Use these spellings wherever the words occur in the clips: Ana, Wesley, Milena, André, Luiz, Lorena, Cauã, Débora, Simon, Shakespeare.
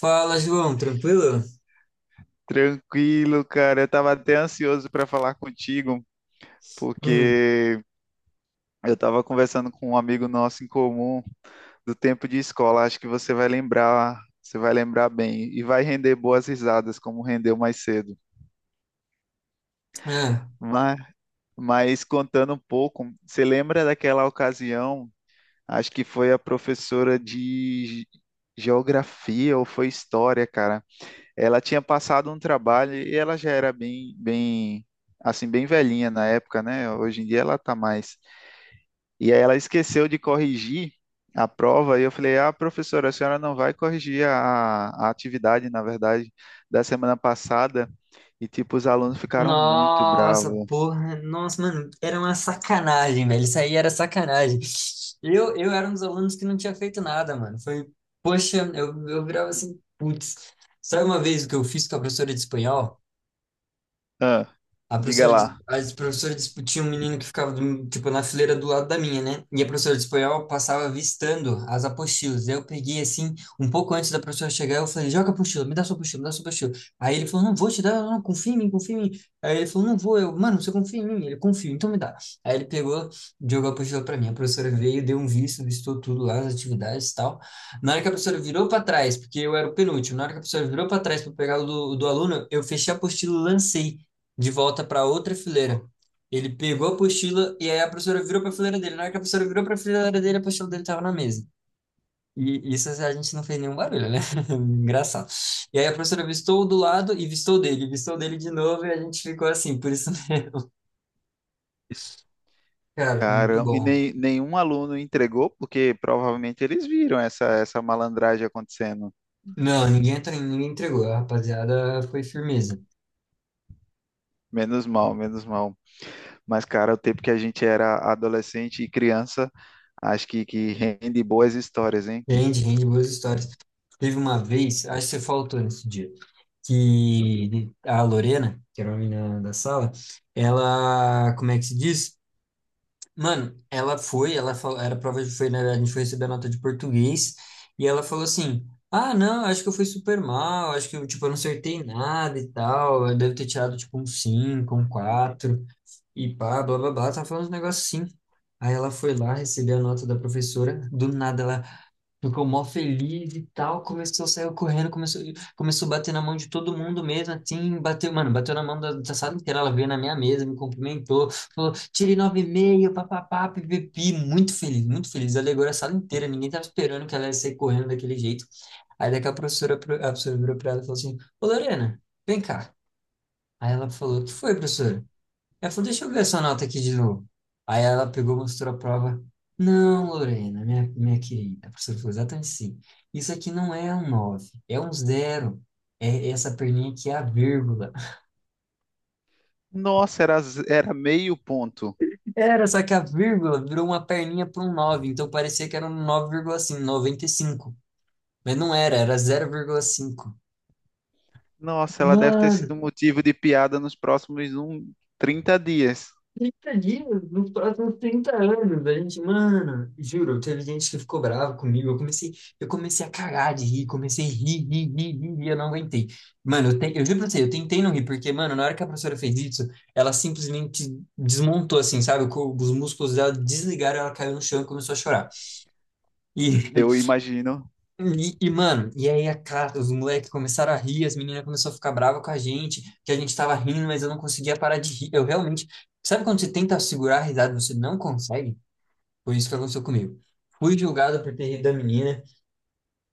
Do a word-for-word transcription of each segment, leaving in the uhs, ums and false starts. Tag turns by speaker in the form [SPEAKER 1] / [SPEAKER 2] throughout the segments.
[SPEAKER 1] Fala, João, tranquilo?
[SPEAKER 2] Tranquilo, cara. Eu tava até ansioso para falar contigo,
[SPEAKER 1] Hum,
[SPEAKER 2] porque eu tava conversando com um amigo nosso em comum do tempo de escola. Acho que você vai lembrar, você vai lembrar bem e vai render boas risadas, como rendeu mais cedo.
[SPEAKER 1] ah.
[SPEAKER 2] Mas, mas contando um pouco, você lembra daquela ocasião? Acho que foi a professora de ge- geografia ou foi história, cara. Ela tinha passado um trabalho e ela já era bem, bem, assim, bem velhinha na época, né? Hoje em dia ela tá mais. E aí ela esqueceu de corrigir a prova e eu falei: "Ah, professora, a senhora não vai corrigir a, a atividade, na verdade, da semana passada". E tipo, os alunos ficaram muito
[SPEAKER 1] Nossa,
[SPEAKER 2] bravos.
[SPEAKER 1] porra, nossa, mano, era uma sacanagem, velho. Isso aí era sacanagem. Eu, eu era um dos alunos que não tinha feito nada, mano. Foi, poxa, eu, eu virava assim, putz. Sabe uma vez o que eu fiz com a professora de espanhol?
[SPEAKER 2] Ah,
[SPEAKER 1] A
[SPEAKER 2] diga
[SPEAKER 1] professora, dis-
[SPEAKER 2] lá.
[SPEAKER 1] as professoras discutiam um menino que ficava, do- tipo, na fileira do lado da minha, né? E a professora de espanhol passava avistando as apostilas. Daí eu peguei, assim, um pouco antes da professora chegar, eu falei, joga a apostila, me dá sua apostila, me dá sua apostila. Aí ele falou, não, vou te dar, não, confia em mim, confia em mim. Aí ele falou, não vou, eu, mano, você confia em mim? Ele, confio, então me dá. Aí ele pegou, jogou a apostila pra mim. A professora veio, deu um visto, vistou tudo lá, as atividades e tal. Na hora que a professora virou pra trás, porque eu era o penúltimo, na hora que a professora virou pra trás pra pegar o do, o do aluno, eu fechei a apostila e lancei de volta para outra fileira. Ele pegou a apostila e aí a professora virou para a fileira dele. Na hora que a professora virou para a fileira dele, a apostila dele estava na mesa. E isso a gente não fez nenhum barulho, né? Engraçado. E aí a professora vistou do lado e vistou dele, vistou dele de novo e a gente ficou assim. Por isso, cara, foi muito
[SPEAKER 2] Cara, e
[SPEAKER 1] bom.
[SPEAKER 2] nem, nenhum aluno entregou, porque provavelmente eles viram essa, essa malandragem acontecendo.
[SPEAKER 1] Não, ninguém, entra- ninguém entregou. A rapaziada foi firmeza.
[SPEAKER 2] Menos mal, menos mal. Mas, cara, o tempo que a gente era adolescente e criança, acho que, que rende boas histórias, hein?
[SPEAKER 1] Rende, rende boas histórias. Teve uma vez, acho que você faltou nesse dia, que a Lorena, que era uma menina da sala, ela, como é que se diz? Mano, ela foi, ela falou, era prova de foi, né? A gente foi receber a nota de português e ela falou assim: "Ah, não, acho que eu fui super mal, acho que eu, tipo, eu não acertei nada e tal, eu devo ter tirado tipo um cinco, um quatro e pá, blá blá blá", tava falando uns negócios assim. Aí ela foi lá receber a nota da professora, do nada ela ficou mó feliz e tal, começou, saiu correndo, começou, começou a bater na mão de todo mundo mesmo, assim, bateu, mano, bateu na mão da, da sala inteira, ela veio na minha mesa, me cumprimentou, falou, tirei nove e meio, papapá, pipipi, muito feliz, muito feliz, alegrou a sala inteira, ninguém tava esperando que ela ia sair correndo daquele jeito. Aí daqui a professora, pro- a professora virou pra ela e falou assim, ô Lorena, vem cá. Aí ela falou, o que foi, professora? Ela falou, deixa eu ver essa nota aqui de novo. Aí ela pegou, mostrou a prova. Não, Lorena, minha, minha querida. A professora falou exatamente assim. Isso aqui não é um nove, é um zero. É é essa perninha aqui é a vírgula.
[SPEAKER 2] Nossa, era, z- era meio ponto.
[SPEAKER 1] Era, só que a vírgula virou uma perninha para um nove, então parecia que era um nove vírgula noventa e cinco. Mas não era, era zero vírgula cinco.
[SPEAKER 2] Nossa, ela deve ter
[SPEAKER 1] Mano,
[SPEAKER 2] sido motivo de piada nos próximos um, trinta dias.
[SPEAKER 1] trinta dias nos próximos trinta anos. A gente, mano, juro, teve gente que ficou brava comigo. Eu comecei, eu comecei a cagar de rir, comecei a rir, rir, rir, rir, rir, eu não aguentei. Mano, eu, te, eu juro pra você, eu tentei não rir, porque, mano, na hora que a professora fez isso, ela simplesmente desmontou, assim, sabe? Co- Os músculos dela desligaram, ela caiu no chão e começou a chorar. E
[SPEAKER 2] Eu imagino.
[SPEAKER 1] e, e, mano, e aí a cara, os moleques começaram a rir, as meninas começaram a ficar bravas com a gente, que a gente tava rindo, mas eu não conseguia parar de rir. Eu realmente. Sabe quando você tenta segurar a risada e você não consegue? Foi isso que aconteceu comigo. Fui julgado por ter rido da menina,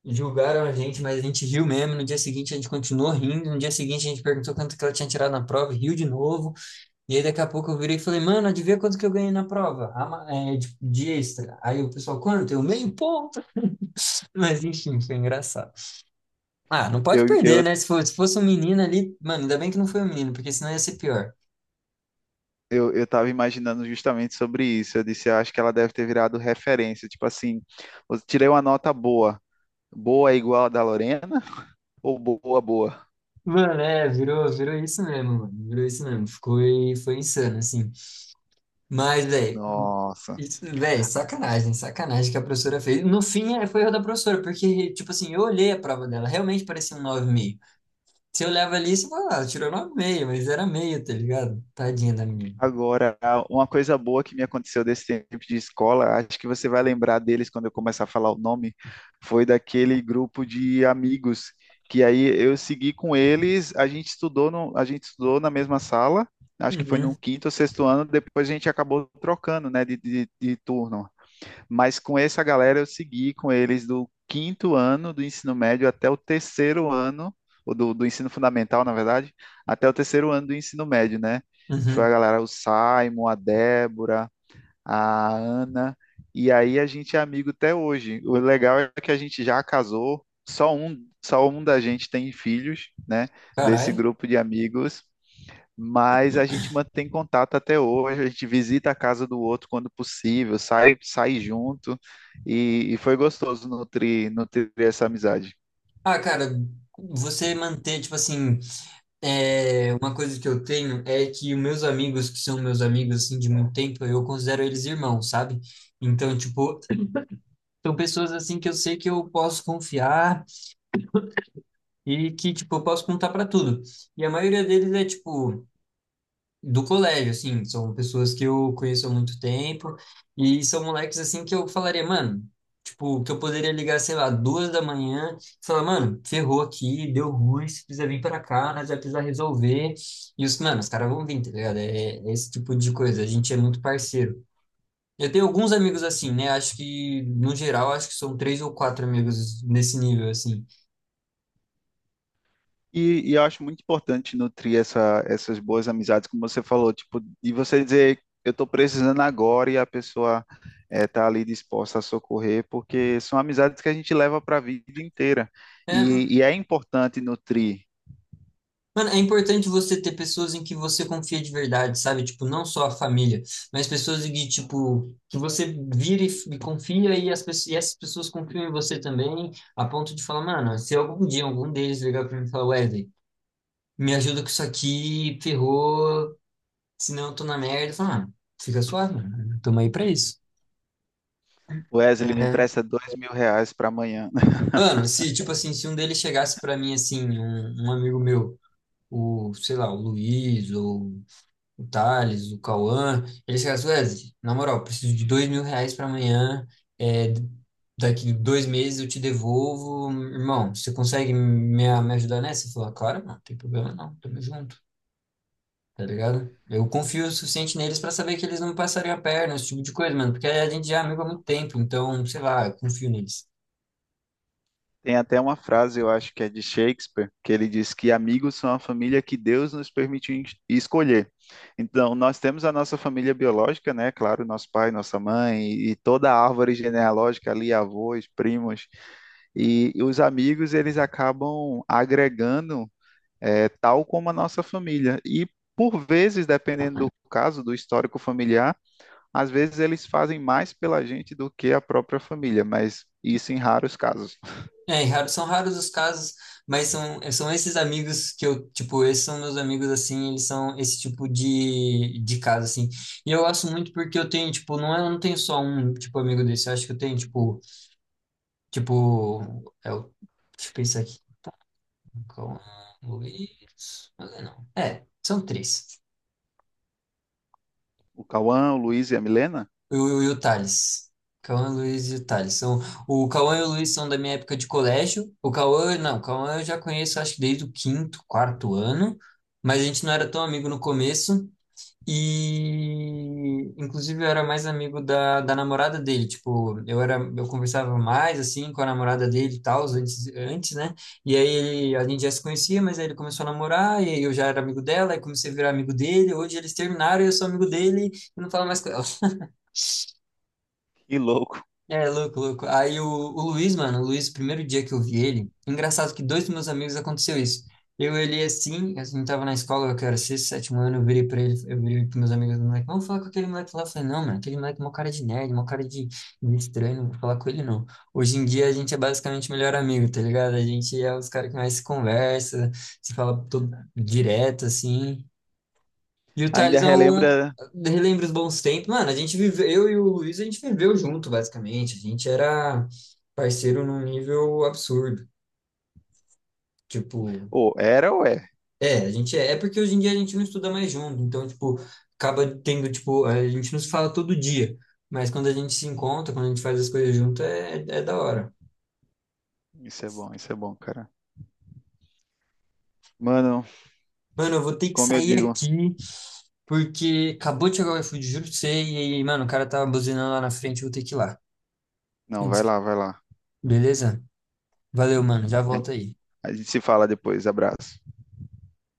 [SPEAKER 1] julgaram a gente, mas a gente riu mesmo. No dia seguinte a gente continuou rindo, no dia seguinte a gente perguntou quanto que ela tinha tirado na prova, e riu de novo. E aí daqui a pouco eu virei e falei, mano, adivinha quanto que eu ganhei na prova? Ah, ma- é, de, de extra. Aí o pessoal, quanto? Eu meio ponto. Mas enfim, foi engraçado. Ah, não pode
[SPEAKER 2] Eu,
[SPEAKER 1] perder,
[SPEAKER 2] eu,
[SPEAKER 1] né? Se fosse, se fosse um menino ali, mano, ainda bem que não foi um menino, porque senão ia ser pior.
[SPEAKER 2] eu, eu tava imaginando justamente sobre isso. Eu disse, eu acho que ela deve ter virado referência. Tipo assim, eu tirei uma nota boa. Boa é igual a da Lorena ou boa, boa?
[SPEAKER 1] Mano, é, virou, virou isso mesmo, mano. Virou isso mesmo. Ficou, e- foi insano, assim. Mas, velho,
[SPEAKER 2] Nossa.
[SPEAKER 1] isso, velho, sacanagem, sacanagem que a professora fez. No fim, é, foi erro da professora, porque, tipo assim, eu olhei a prova dela, realmente parecia um nove e meio. Se eu levo ali, você fala, ah, ela tirou nove vírgula cinco, mas era meio, tá ligado? Tadinha da menina.
[SPEAKER 2] Agora, uma coisa boa que me aconteceu desse tempo de escola, acho que você vai lembrar deles quando eu começar a falar o nome, foi daquele grupo de amigos que aí eu segui com eles, a gente estudou no, a gente estudou na mesma sala, acho que foi
[SPEAKER 1] Uhum,
[SPEAKER 2] no quinto ou sexto ano, depois a gente acabou trocando, né, de, de, de turno. Mas com essa galera eu segui com eles do quinto ano do ensino médio até o terceiro ano, ou do, do ensino fundamental, na verdade, até o terceiro ano do ensino médio, né? Foi
[SPEAKER 1] uhum.
[SPEAKER 2] a galera, o Simon, a Débora, a Ana, e aí a gente é amigo até hoje. O legal é que a gente já casou, só um, só um da gente tem filhos, né? Desse
[SPEAKER 1] Caralho.
[SPEAKER 2] grupo de amigos, mas a gente mantém contato até hoje, a gente visita a casa do outro quando possível, sai, sai junto, e, e foi gostoso nutrir, nutrir essa amizade.
[SPEAKER 1] Ah, cara, você manter, tipo assim, é, uma coisa que eu tenho é que os meus amigos, que são meus amigos, assim, de muito tempo, eu considero eles irmãos, sabe? Então, tipo, são pessoas, assim, que eu sei que eu posso confiar e que, tipo, eu posso contar pra tudo. E a maioria deles é, tipo, do colégio, assim, são pessoas que eu conheço há muito tempo e são moleques, assim, que eu falaria, mano, tipo, que eu poderia ligar, sei lá, duas da manhã e falar, mano, ferrou aqui, deu ruim, você precisa vir pra cá, nós vai precisar resolver. E os, mano, os caras vão vir, tá ligado? É, é esse tipo de coisa, a gente é muito parceiro. Eu tenho alguns amigos assim, né? Acho que, no geral, acho que são três ou quatro amigos nesse nível, assim.
[SPEAKER 2] E, e eu acho muito importante nutrir essa, essas boas amizades, como você falou, tipo, e você dizer, eu estou precisando agora e a pessoa está ali disposta a socorrer, porque são amizades que a gente leva para a vida inteira.
[SPEAKER 1] É,
[SPEAKER 2] E, e é importante nutrir.
[SPEAKER 1] mano, é importante você ter pessoas em que você confia de verdade, sabe? Tipo, não só a família, mas pessoas em que, tipo, que você vira e, e confia e, as, pe- e essas pessoas confiam em você também, a ponto de falar, mano, se algum dia algum deles ligar pra mim e falar, Wesley, me ajuda com isso aqui, ferrou, senão eu tô na merda, fala, mano, fica suave, mano, tamo aí pra isso.
[SPEAKER 2] Wesley, me
[SPEAKER 1] É.
[SPEAKER 2] empresta dois mil reais para amanhã.
[SPEAKER 1] Mano, se, tipo assim, se um deles chegasse pra mim, assim, um, um amigo meu, o, sei lá, o Luiz, ou o Thales, o Cauã, eles falaram assim, Wesley, na moral, preciso de dois mil reais para amanhã, é, daqui dois meses eu te devolvo, irmão, você consegue me, me ajudar nessa? Eu falei, "Ah, claro, não, não tem problema não, tamo junto, tá ligado? Eu confio o suficiente neles para saber que eles não me passariam a perna, esse tipo de coisa, mano, porque a gente já é amigo há muito tempo, então, sei lá, eu confio neles.
[SPEAKER 2] Tem até uma frase, eu acho que é de Shakespeare, que ele diz que amigos são a família que Deus nos permitiu en- escolher. Então, nós temos a nossa família biológica, né? Claro, nosso pai, nossa mãe e toda a árvore genealógica ali, avós, primos. E os amigos, eles acabam agregando, eh, tal como a nossa família. E, por vezes, dependendo do caso, do histórico familiar, às vezes eles fazem mais pela gente do que a própria família, mas isso em raros casos.
[SPEAKER 1] É, e raro- são raros os casos, mas são, são esses amigos que eu, tipo, esses são meus amigos, assim, eles são esse tipo de, de caso, assim. E eu gosto muito porque eu tenho, tipo, não, é- eu não tenho só um, tipo, amigo desse, eu acho que eu tenho, tipo, tipo, é o, deixa eu pensar aqui, calma, Luiz, mas é não, é, são três.
[SPEAKER 2] O Cauã, o Luiz e a Milena?
[SPEAKER 1] E o, e o Thales. Cauã, Luiz e o Thales. São, o Cauã e o Luiz são da minha época de colégio. O Cauã, não, o Cauã eu já conheço acho que desde o quinto, quarto ano, mas a gente não era tão amigo no começo. E inclusive eu era mais amigo da, da namorada dele. Tipo, eu era, eu conversava mais assim com a namorada dele e tal, antes, antes, né? E aí ele, a gente já se conhecia, mas aí ele começou a namorar, e aí eu já era amigo dela, aí comecei a virar amigo dele. Hoje eles terminaram e eu sou amigo dele e não falo mais com ela.
[SPEAKER 2] Que louco.
[SPEAKER 1] É, louco, louco. Aí o, o Luiz, mano, o Luiz, o primeiro dia que eu vi ele, engraçado que dois dos meus amigos aconteceu isso. Eu olhei assim, a gente tava na escola, que era sexto, sétimo ano, eu virei pra ele, eu virei pros meus amigos, moleque, vamos falar com aquele moleque lá. Eu falei, não, mano, aquele moleque é uma cara de nerd, uma cara de, de estranho, não vou falar com ele não. Hoje em dia a gente é basicamente melhor amigo, tá ligado? A gente é os caras que mais se conversa, se fala todo direto, assim. E o
[SPEAKER 2] Ainda
[SPEAKER 1] Thales é um.
[SPEAKER 2] relembra.
[SPEAKER 1] Relembra os bons tempos. Mano, a gente viveu, eu e o Luiz, a gente viveu junto, basicamente. A gente era parceiro num nível absurdo. Tipo,
[SPEAKER 2] Ô, era ou é?
[SPEAKER 1] é, a gente é. É porque hoje em dia a gente não estuda mais junto. Então, tipo, acaba tendo, tipo, a gente não se fala todo dia. Mas quando a gente se encontra, quando a gente faz as coisas junto, é, é da hora.
[SPEAKER 2] Isso é bom, isso é bom, cara. Mano,
[SPEAKER 1] Mano, eu vou ter que
[SPEAKER 2] como eu
[SPEAKER 1] sair
[SPEAKER 2] digo.
[SPEAKER 1] aqui, porque acabou de chegar o iFood, juro pra você. E, aí, mano, o cara tava buzinando lá na frente, eu vou ter que ir lá.
[SPEAKER 2] Não,
[SPEAKER 1] Antes
[SPEAKER 2] vai
[SPEAKER 1] que-
[SPEAKER 2] lá, vai lá.
[SPEAKER 1] Beleza? Valeu, mano. Já volto aí.
[SPEAKER 2] A gente se fala depois. Abraço.